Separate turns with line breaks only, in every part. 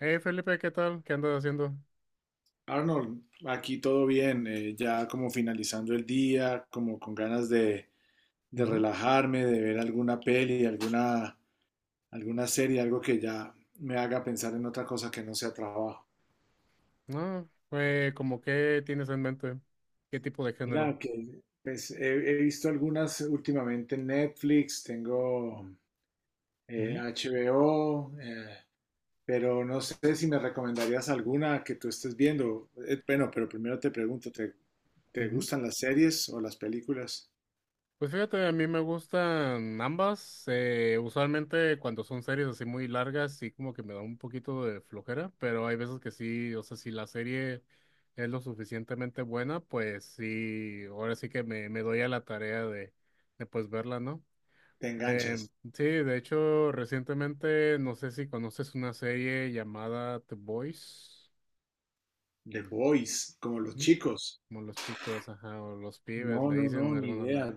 Hey Felipe, ¿qué tal? ¿Qué andas haciendo?
Arnold, aquí todo bien, ya como finalizando el día, como con ganas de
Ujú.
relajarme, de ver alguna peli, alguna serie, algo que ya me haga pensar en otra cosa que no sea trabajo.
No, como qué tienes en mente, qué tipo de
Mira,
género.
que pues, he visto algunas últimamente en Netflix, tengo
Ujú,
HBO, pero no sé si me recomendarías alguna que tú estés viendo. Bueno, pero primero te pregunto, ¿ te
ujú.
gustan las series o las películas?
Pues fíjate, a mí me gustan ambas. Usualmente cuando son series así muy largas, sí como que me da un poquito de flojera, pero hay veces que sí, o sea, si la serie es lo suficientemente buena, pues sí, ahora sí que me doy a la tarea de pues verla, ¿no?
¿Te
Eh,
enganchas?
sí, de hecho, recientemente, no sé si conoces una serie llamada The Boys,
The Boys, como los
¿m?
chicos.
Como los chicos, ajá, o los pibes,
No,
le
no,
dicen
no,
en
ni
algunos lados.
idea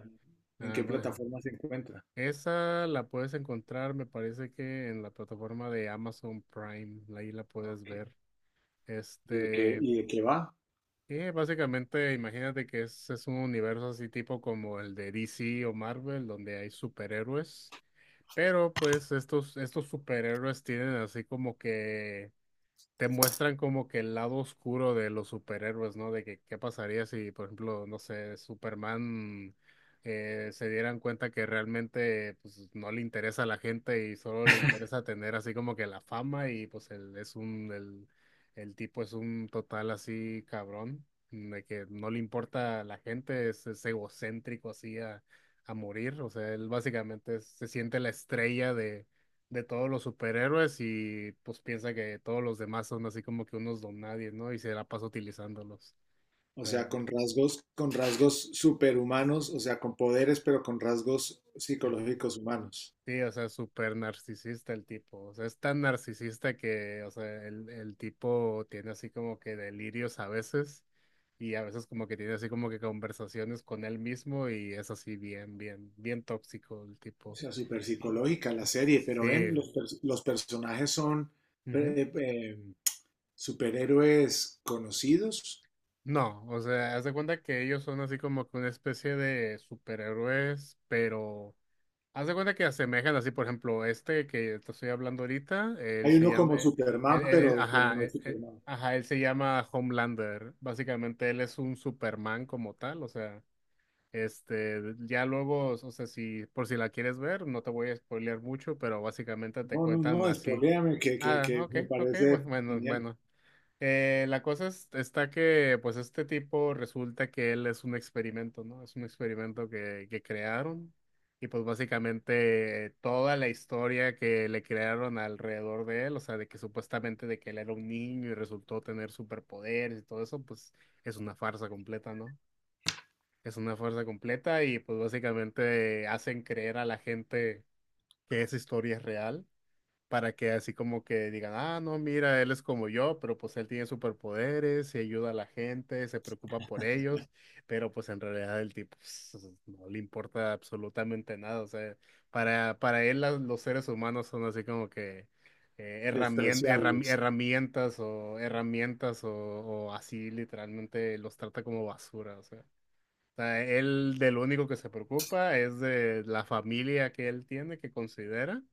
en
Ah,
qué
bueno.
plataforma se encuentra.
Esa la puedes encontrar, me parece que en la plataforma de Amazon Prime, ahí la puedes
Ok.
ver.
¿Y
Este,
y de qué va?
y básicamente, imagínate que es un universo así tipo como el de DC o Marvel, donde hay superhéroes. Pero pues estos superhéroes tienen así como que te muestran como que el lado oscuro de los superhéroes, ¿no? De que qué pasaría si, por ejemplo, no sé, Superman se dieran cuenta que realmente pues, no le interesa a la gente y solo le interesa tener así como que la fama y pues él es el tipo es un total así cabrón, de que no le importa a la gente, es egocéntrico a morir, o sea, él básicamente se siente la estrella de todos los superhéroes y pues piensa que todos los demás son así como que unos don nadie, ¿no? Y se la pasa utilizándolos. O
O sea,
sea,
con rasgos
es-
superhumanos, o sea, con poderes, pero con rasgos
es-
psicológicos humanos.
sí, o sea, súper narcisista el tipo. O sea, es tan narcisista que, o sea, el tipo tiene así como que delirios a veces y a veces como que tiene así como que conversaciones con él mismo y es así bien, bien, bien tóxico el
O
tipo.
sea, super
Y,
psicológica la
sí.
serie, pero
Sí.
ven, los personajes son
Ujú.
eh, eh, superhéroes conocidos.
No, o sea, haz de cuenta que ellos son así como que una especie de superhéroes, pero haz de cuenta que asemejan así, por ejemplo, este que te estoy hablando ahorita, él
Hay
se
uno
llama,
como Superman, pero
ajá,
no es Superman.
ajá, él se llama Homelander. Básicamente él es un Superman como tal, o sea, este, ya luego, o sea, si por si la quieres ver, no te voy a spoilear mucho, pero básicamente te
No, no,
cuentan
no,
así.
spoiléame,
Ah,
que
ok,
me
ok,
parece
bueno,
genial.
bueno. La cosa está que, pues, este tipo resulta que él es un experimento, ¿no? Es un experimento que crearon y, pues, básicamente toda la historia que le crearon alrededor de él, o sea, de que supuestamente de que él era un niño y resultó tener superpoderes y todo eso, pues, es una farsa completa, ¿no? Es una farsa completa y, pues, básicamente hacen creer a la gente que esa historia es real para que así como que digan, ah, no, mira, él es como yo, pero pues él tiene superpoderes y ayuda a la gente, se preocupa por ellos, pero pues en realidad el tipo pues, no le importa absolutamente nada, o sea, para él los seres humanos son así como que herramientas,
Despreciables.
herramientas o así literalmente los trata como basura, sea, él del único que se preocupa es de la familia que él tiene, que considera,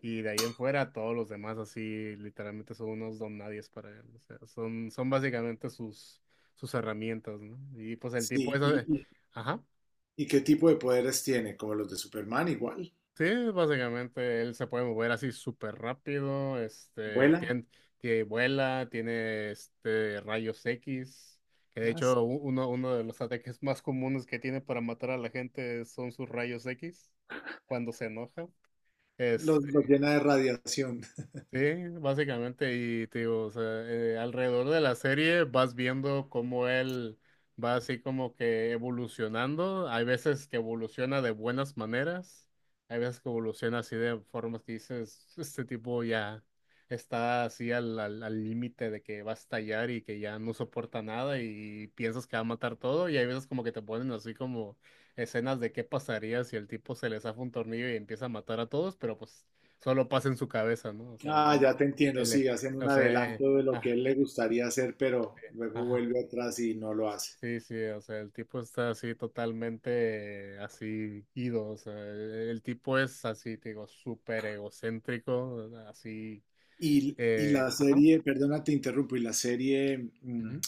y de ahí en fuera todos los demás así literalmente son unos don nadies para él. O sea, son básicamente sus herramientas, ¿no? Y pues el tipo
Sí,
eso de- Ajá.
y ¿qué tipo de poderes tiene? Como los de Superman, igual.
Sí, básicamente él se puede mover así súper rápido, este,
Vuela.
tiene, vuela, tiene este rayos X, que de
ah, s-
hecho uno de los ataques más comunes que tiene para matar a la gente son sus rayos X cuando se enoja.
Los
Este,
llena de radiación.
sí, básicamente, y te digo, o sea, alrededor de la serie vas viendo cómo él va así como que evolucionando. Hay veces que evoluciona de buenas maneras, hay veces que evoluciona así de formas que dices, este tipo ya está así al límite de que va a estallar y que ya no soporta nada y piensas que va a matar todo. Y hay veces como que te ponen así como escenas de qué pasaría si el tipo se le zafa un tornillo y empieza a matar a todos, pero pues solo pasa en su cabeza, ¿no? O sea,
Ah, ya te entiendo,
él,
sí, hacen
o
un
sea,
adelanto de lo que a
ah,
él le gustaría hacer, pero luego
ah,
vuelve atrás y no lo hace.
sí, sí, o sea, el tipo está así totalmente así ido, o sea, el tipo es así, te digo, súper egocéntrico, así,
Y la
ajá.
serie, perdona, te interrumpo, y la serie
Ujú.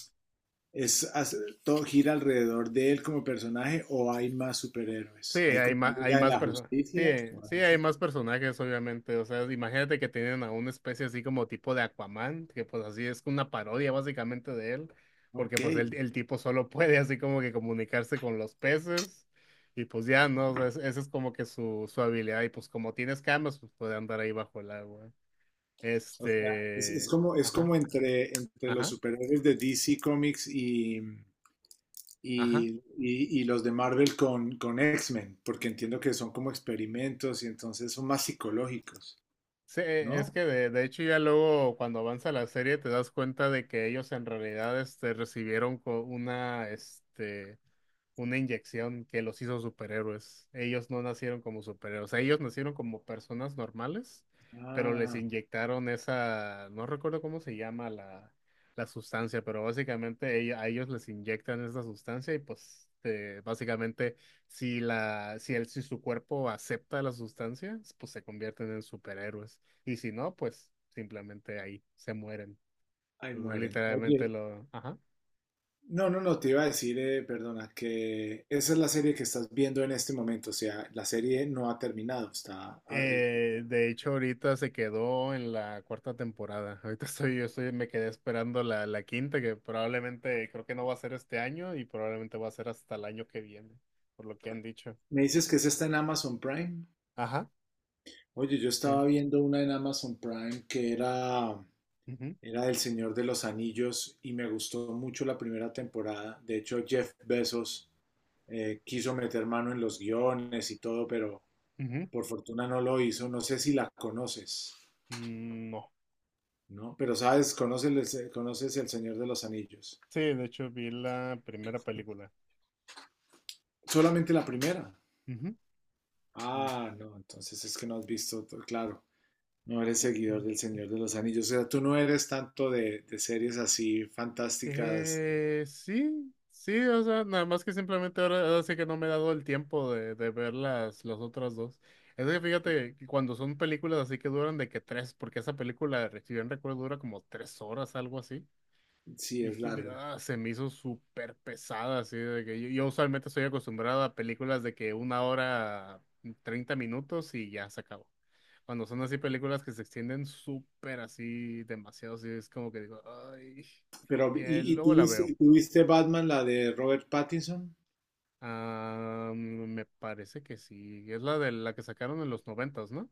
es, hace- todo gira alrededor de él como personaje o hay más
Sí,
superhéroes. Hay como una
hay
Liga de
más
la
personas. Sí,
Justicia.
sí, hay más personajes, obviamente. O sea, imagínate que tienen a una especie así como tipo de Aquaman, que pues así es una parodia básicamente de él, porque
Ok.
pues el tipo solo puede así como que comunicarse con los peces y pues ya, ¿no? O sea, esa es como que su habilidad y pues como tienes camas, pues puede andar ahí bajo el agua.
O sea,
Este...
es
Ajá,
como entre, entre los
ajá,
superhéroes de DC Comics
ajá.
y los de Marvel con X-Men, porque entiendo que son como experimentos y entonces son más psicológicos,
Sí, es
¿no?
que de hecho ya luego cuando avanza la serie te das cuenta de que ellos en realidad este, recibieron este, una inyección que los hizo superhéroes. Ellos no nacieron como superhéroes, ellos nacieron como personas normales, pero les
Ah,
inyectaron esa, no recuerdo cómo se llama la, la sustancia, pero básicamente a ellos les inyectan esa sustancia y pues básicamente si la, si el, si su cuerpo acepta la sustancia, pues se convierten en superhéroes. Y si no, pues simplemente ahí se mueren.
ahí mueren.
Literalmente
Oye,
lo, ajá.
no, no, no, te iba a decir, perdona, que esa es la serie que estás viendo en este momento, o sea, la serie no ha terminado, está...
De hecho, ahorita se quedó en la cuarta temporada. Ahorita estoy, yo estoy, me quedé esperando la quinta, que probablemente creo que no va a ser este año y probablemente va a ser hasta el año que viene, por lo que han dicho.
me dices que esa está en Amazon Prime.
Ajá,
Oye, yo
sí.
estaba viendo una en Amazon Prime que era...
Ujú,
era del Señor de los Anillos y me gustó mucho la primera temporada. De hecho, Jeff Bezos quiso meter mano en los guiones y todo, pero
ujú.
por fortuna no lo hizo. No sé si la conoces,
Mm. No,
¿no? Pero sabes, conoces, conoces El Señor de los Anillos.
sí, de hecho vi la primera película.
Solamente la primera.
Ujú.
Ah, no, entonces es que no has visto todo. Claro. No eres seguidor del Señor de los Anillos. O sea, tú no eres tanto de series así fantásticas.
Sí, sí, o sea, nada más que simplemente ahora, ahora sí que no me he dado el tiempo de ver las otras dos. Es que fíjate que cuando son películas así que duran de que tres, porque esa película, si bien recuerdo, dura como tres horas, algo así.
Sí, es
Dije,
larga.
"Ah", se me hizo súper pesada, así de que yo usualmente estoy acostumbrado a películas de que una hora, 30 minutos y ya se acabó. Cuando son así películas que se extienden súper así, demasiado, así es como que digo, ay,
Pero,
y,
¿ y
luego la veo.
tuviste, tuviste Batman, la de Robert Pattinson?
Ah, me parece que sí, es la de la que sacaron en los noventas, ¿no?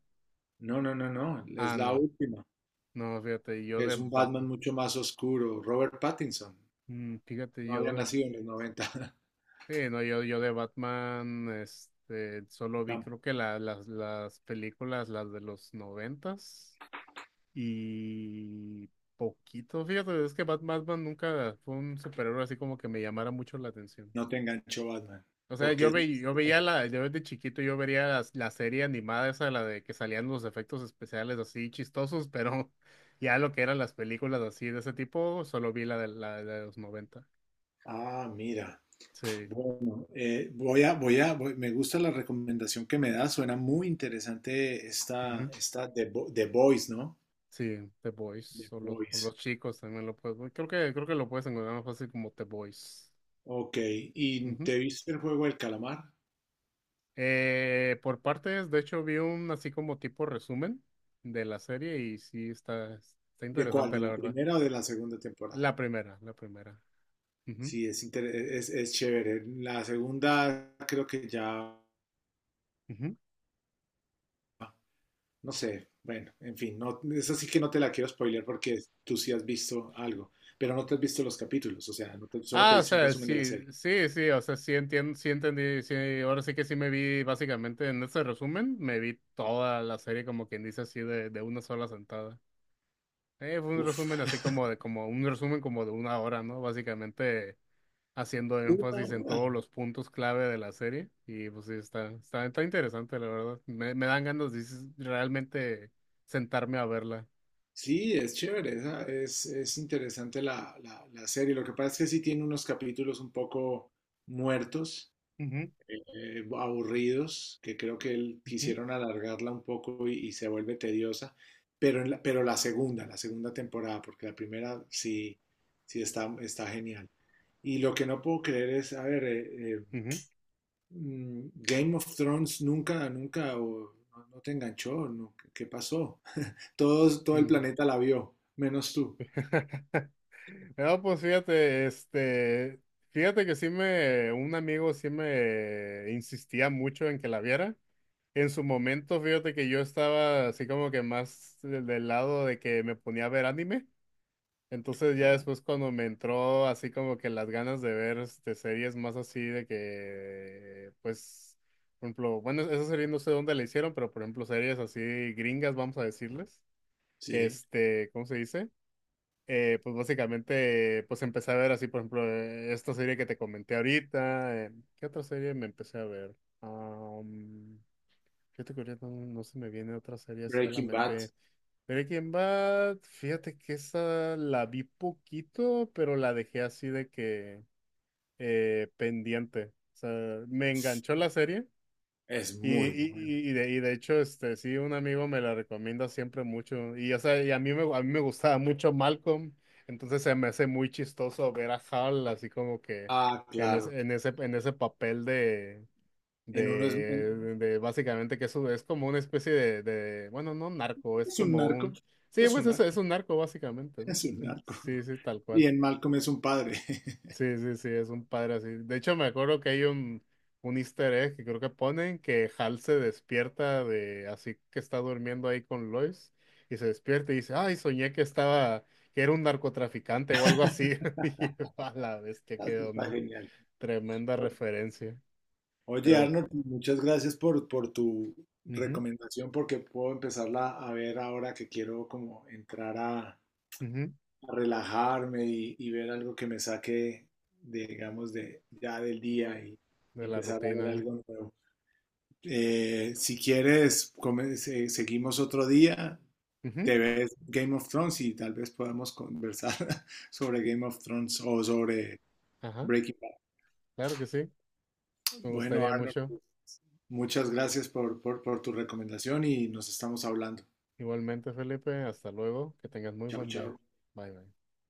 No, no, no, no, es
Ah,
la
no,
última.
no, fíjate, yo de
Es un Batman
Batman.
mucho más oscuro. Robert Pattinson
Mm, fíjate,
no
yo
había
de
nacido en los 90.
sí, no, yo de Batman, este, solo vi
Tam-
creo que las películas, las de los noventas y poquito, fíjate, es que Batman nunca fue un superhéroe así como que me llamara mucho la atención.
No te enganchó Batman.
O sea,
Porque
yo,
es...
ve, yo veía la, yo desde chiquito yo veía serie animada esa, la de que salían los efectos especiales así chistosos, pero ya lo que eran las películas así de ese tipo, solo vi la de los noventa.
Ah, mira.
Sí.
Bueno, me gusta la recomendación que me da. Suena muy interesante esta, esta The Boys, ¿no?
Sí, The Boys
The
o
Boys.
los chicos también lo puedes. Creo que lo puedes encontrar más fácil como The Boys.
Ok. ¿Y
Ujú.
te viste el juego del calamar?
Por partes, de hecho, vi un así como tipo resumen de la serie y sí está, está
¿De cuál?
interesante,
¿De
la
la
verdad.
primera o de la segunda temporada?
La primera, la primera. Ujú,
Sí, es chévere. La segunda creo que ya,
ujú.
no sé, bueno, en fin, no, esa sí que no te la quiero spoiler porque tú sí has visto algo, pero no te has visto los capítulos, o sea, no te- solo te
Ah, o
hice un
sea,
resumen de la
sí,
serie.
sí, sí, o sea, sí entiendo, sí entendí, sí, ahora sí que sí me vi básicamente en ese resumen, me vi toda la serie como quien dice así de una sola sentada. Fue un
Uf.
resumen así como de, como un resumen como de una hora, ¿no? Básicamente haciendo
Una
énfasis en todos
hora.
los puntos clave de la serie. Y pues sí, está, está, está interesante, la verdad. Me dan ganas de realmente sentarme a verla.
Sí, es chévere, es interesante la serie. Lo que pasa es que sí tiene unos capítulos un poco muertos,
Ujú,
aburridos, que creo que
ujú,
quisieron alargarla un poco y se vuelve tediosa, pero, pero la segunda temporada, porque la primera sí, sí está, está genial. Y lo que no puedo creer es, a ver,
ujú,
Game of Thrones nunca, nunca, o no, no te enganchó, no, ¿qué qué pasó? Todos, todo el
mm.
planeta la vio, menos tú.
No, pues fíjate, este, fíjate que sí me, un amigo sí me insistía mucho en que la viera. En su momento, fíjate que yo estaba así como que más del lado de que me ponía a ver anime. Entonces ya después cuando me entró así como que las ganas de ver este, series más así de que, pues, por ejemplo, bueno, esa serie no sé dónde la hicieron, pero por ejemplo series así gringas, vamos a decirles,
Sí,
este, ¿cómo se dice? Pues básicamente, pues empecé a ver así, por ejemplo, esta serie que te comenté ahorita. ¿Qué otra serie me empecé a ver? Am, Fíjate que ahorita no, no se me viene otra serie así a la
Breaking Bad
mente. Breaking Bad, fíjate que esa la vi poquito, pero la dejé así de que pendiente. O sea, me enganchó la serie
es muy bueno.
y de hecho, este, sí, un amigo me la recomienda siempre mucho. Y, o sea, y a a mí me gustaba mucho Malcolm, entonces se me hace muy chistoso ver a Hal así como que
Ah,
en
claro.
en ese papel de
En uno
de básicamente que eso es como una especie de, bueno, no narco, es
es un
como
narco,
un, sí,
es un
pues eso
narco.
es un narco básicamente, ¿no?
Es un narco.
Sí, sí, tal
Y
cual.
en Malcolm es un padre.
Sí, sí, sí, es un padre así. De hecho, me acuerdo que hay un easter egg que creo que ponen que Hal se despierta de, así que está durmiendo ahí con Lois y se despierta y dice, ay, soñé que estaba, que era un narcotraficante o algo así. Y yo, a la bestia,
Ah,
qué
eso está
onda.
genial.
Tremenda
Bueno,
referencia.
oye,
Pero,
Arnold, muchas gracias por tu
ujú,
recomendación, porque puedo empezarla a ver ahora que quiero como entrar a
ujú.
relajarme y ver algo que me saque, de, digamos, de, ya del día
De
y
la
empezar a ver
rutina.
algo nuevo. Si quieres, seguimos otro día,
Ujú,
te ves Game of Thrones y tal vez podamos conversar sobre Game of Thrones o sobre
ajá,
Breaking Bad.
claro que sí. Me
Bueno,
gustaría
Arnold,
mucho.
muchas gracias por, por tu recomendación y nos estamos hablando.
Igualmente, Felipe, hasta luego. Que tengas muy
Chao,
buen día.
chao.
Bye, bye.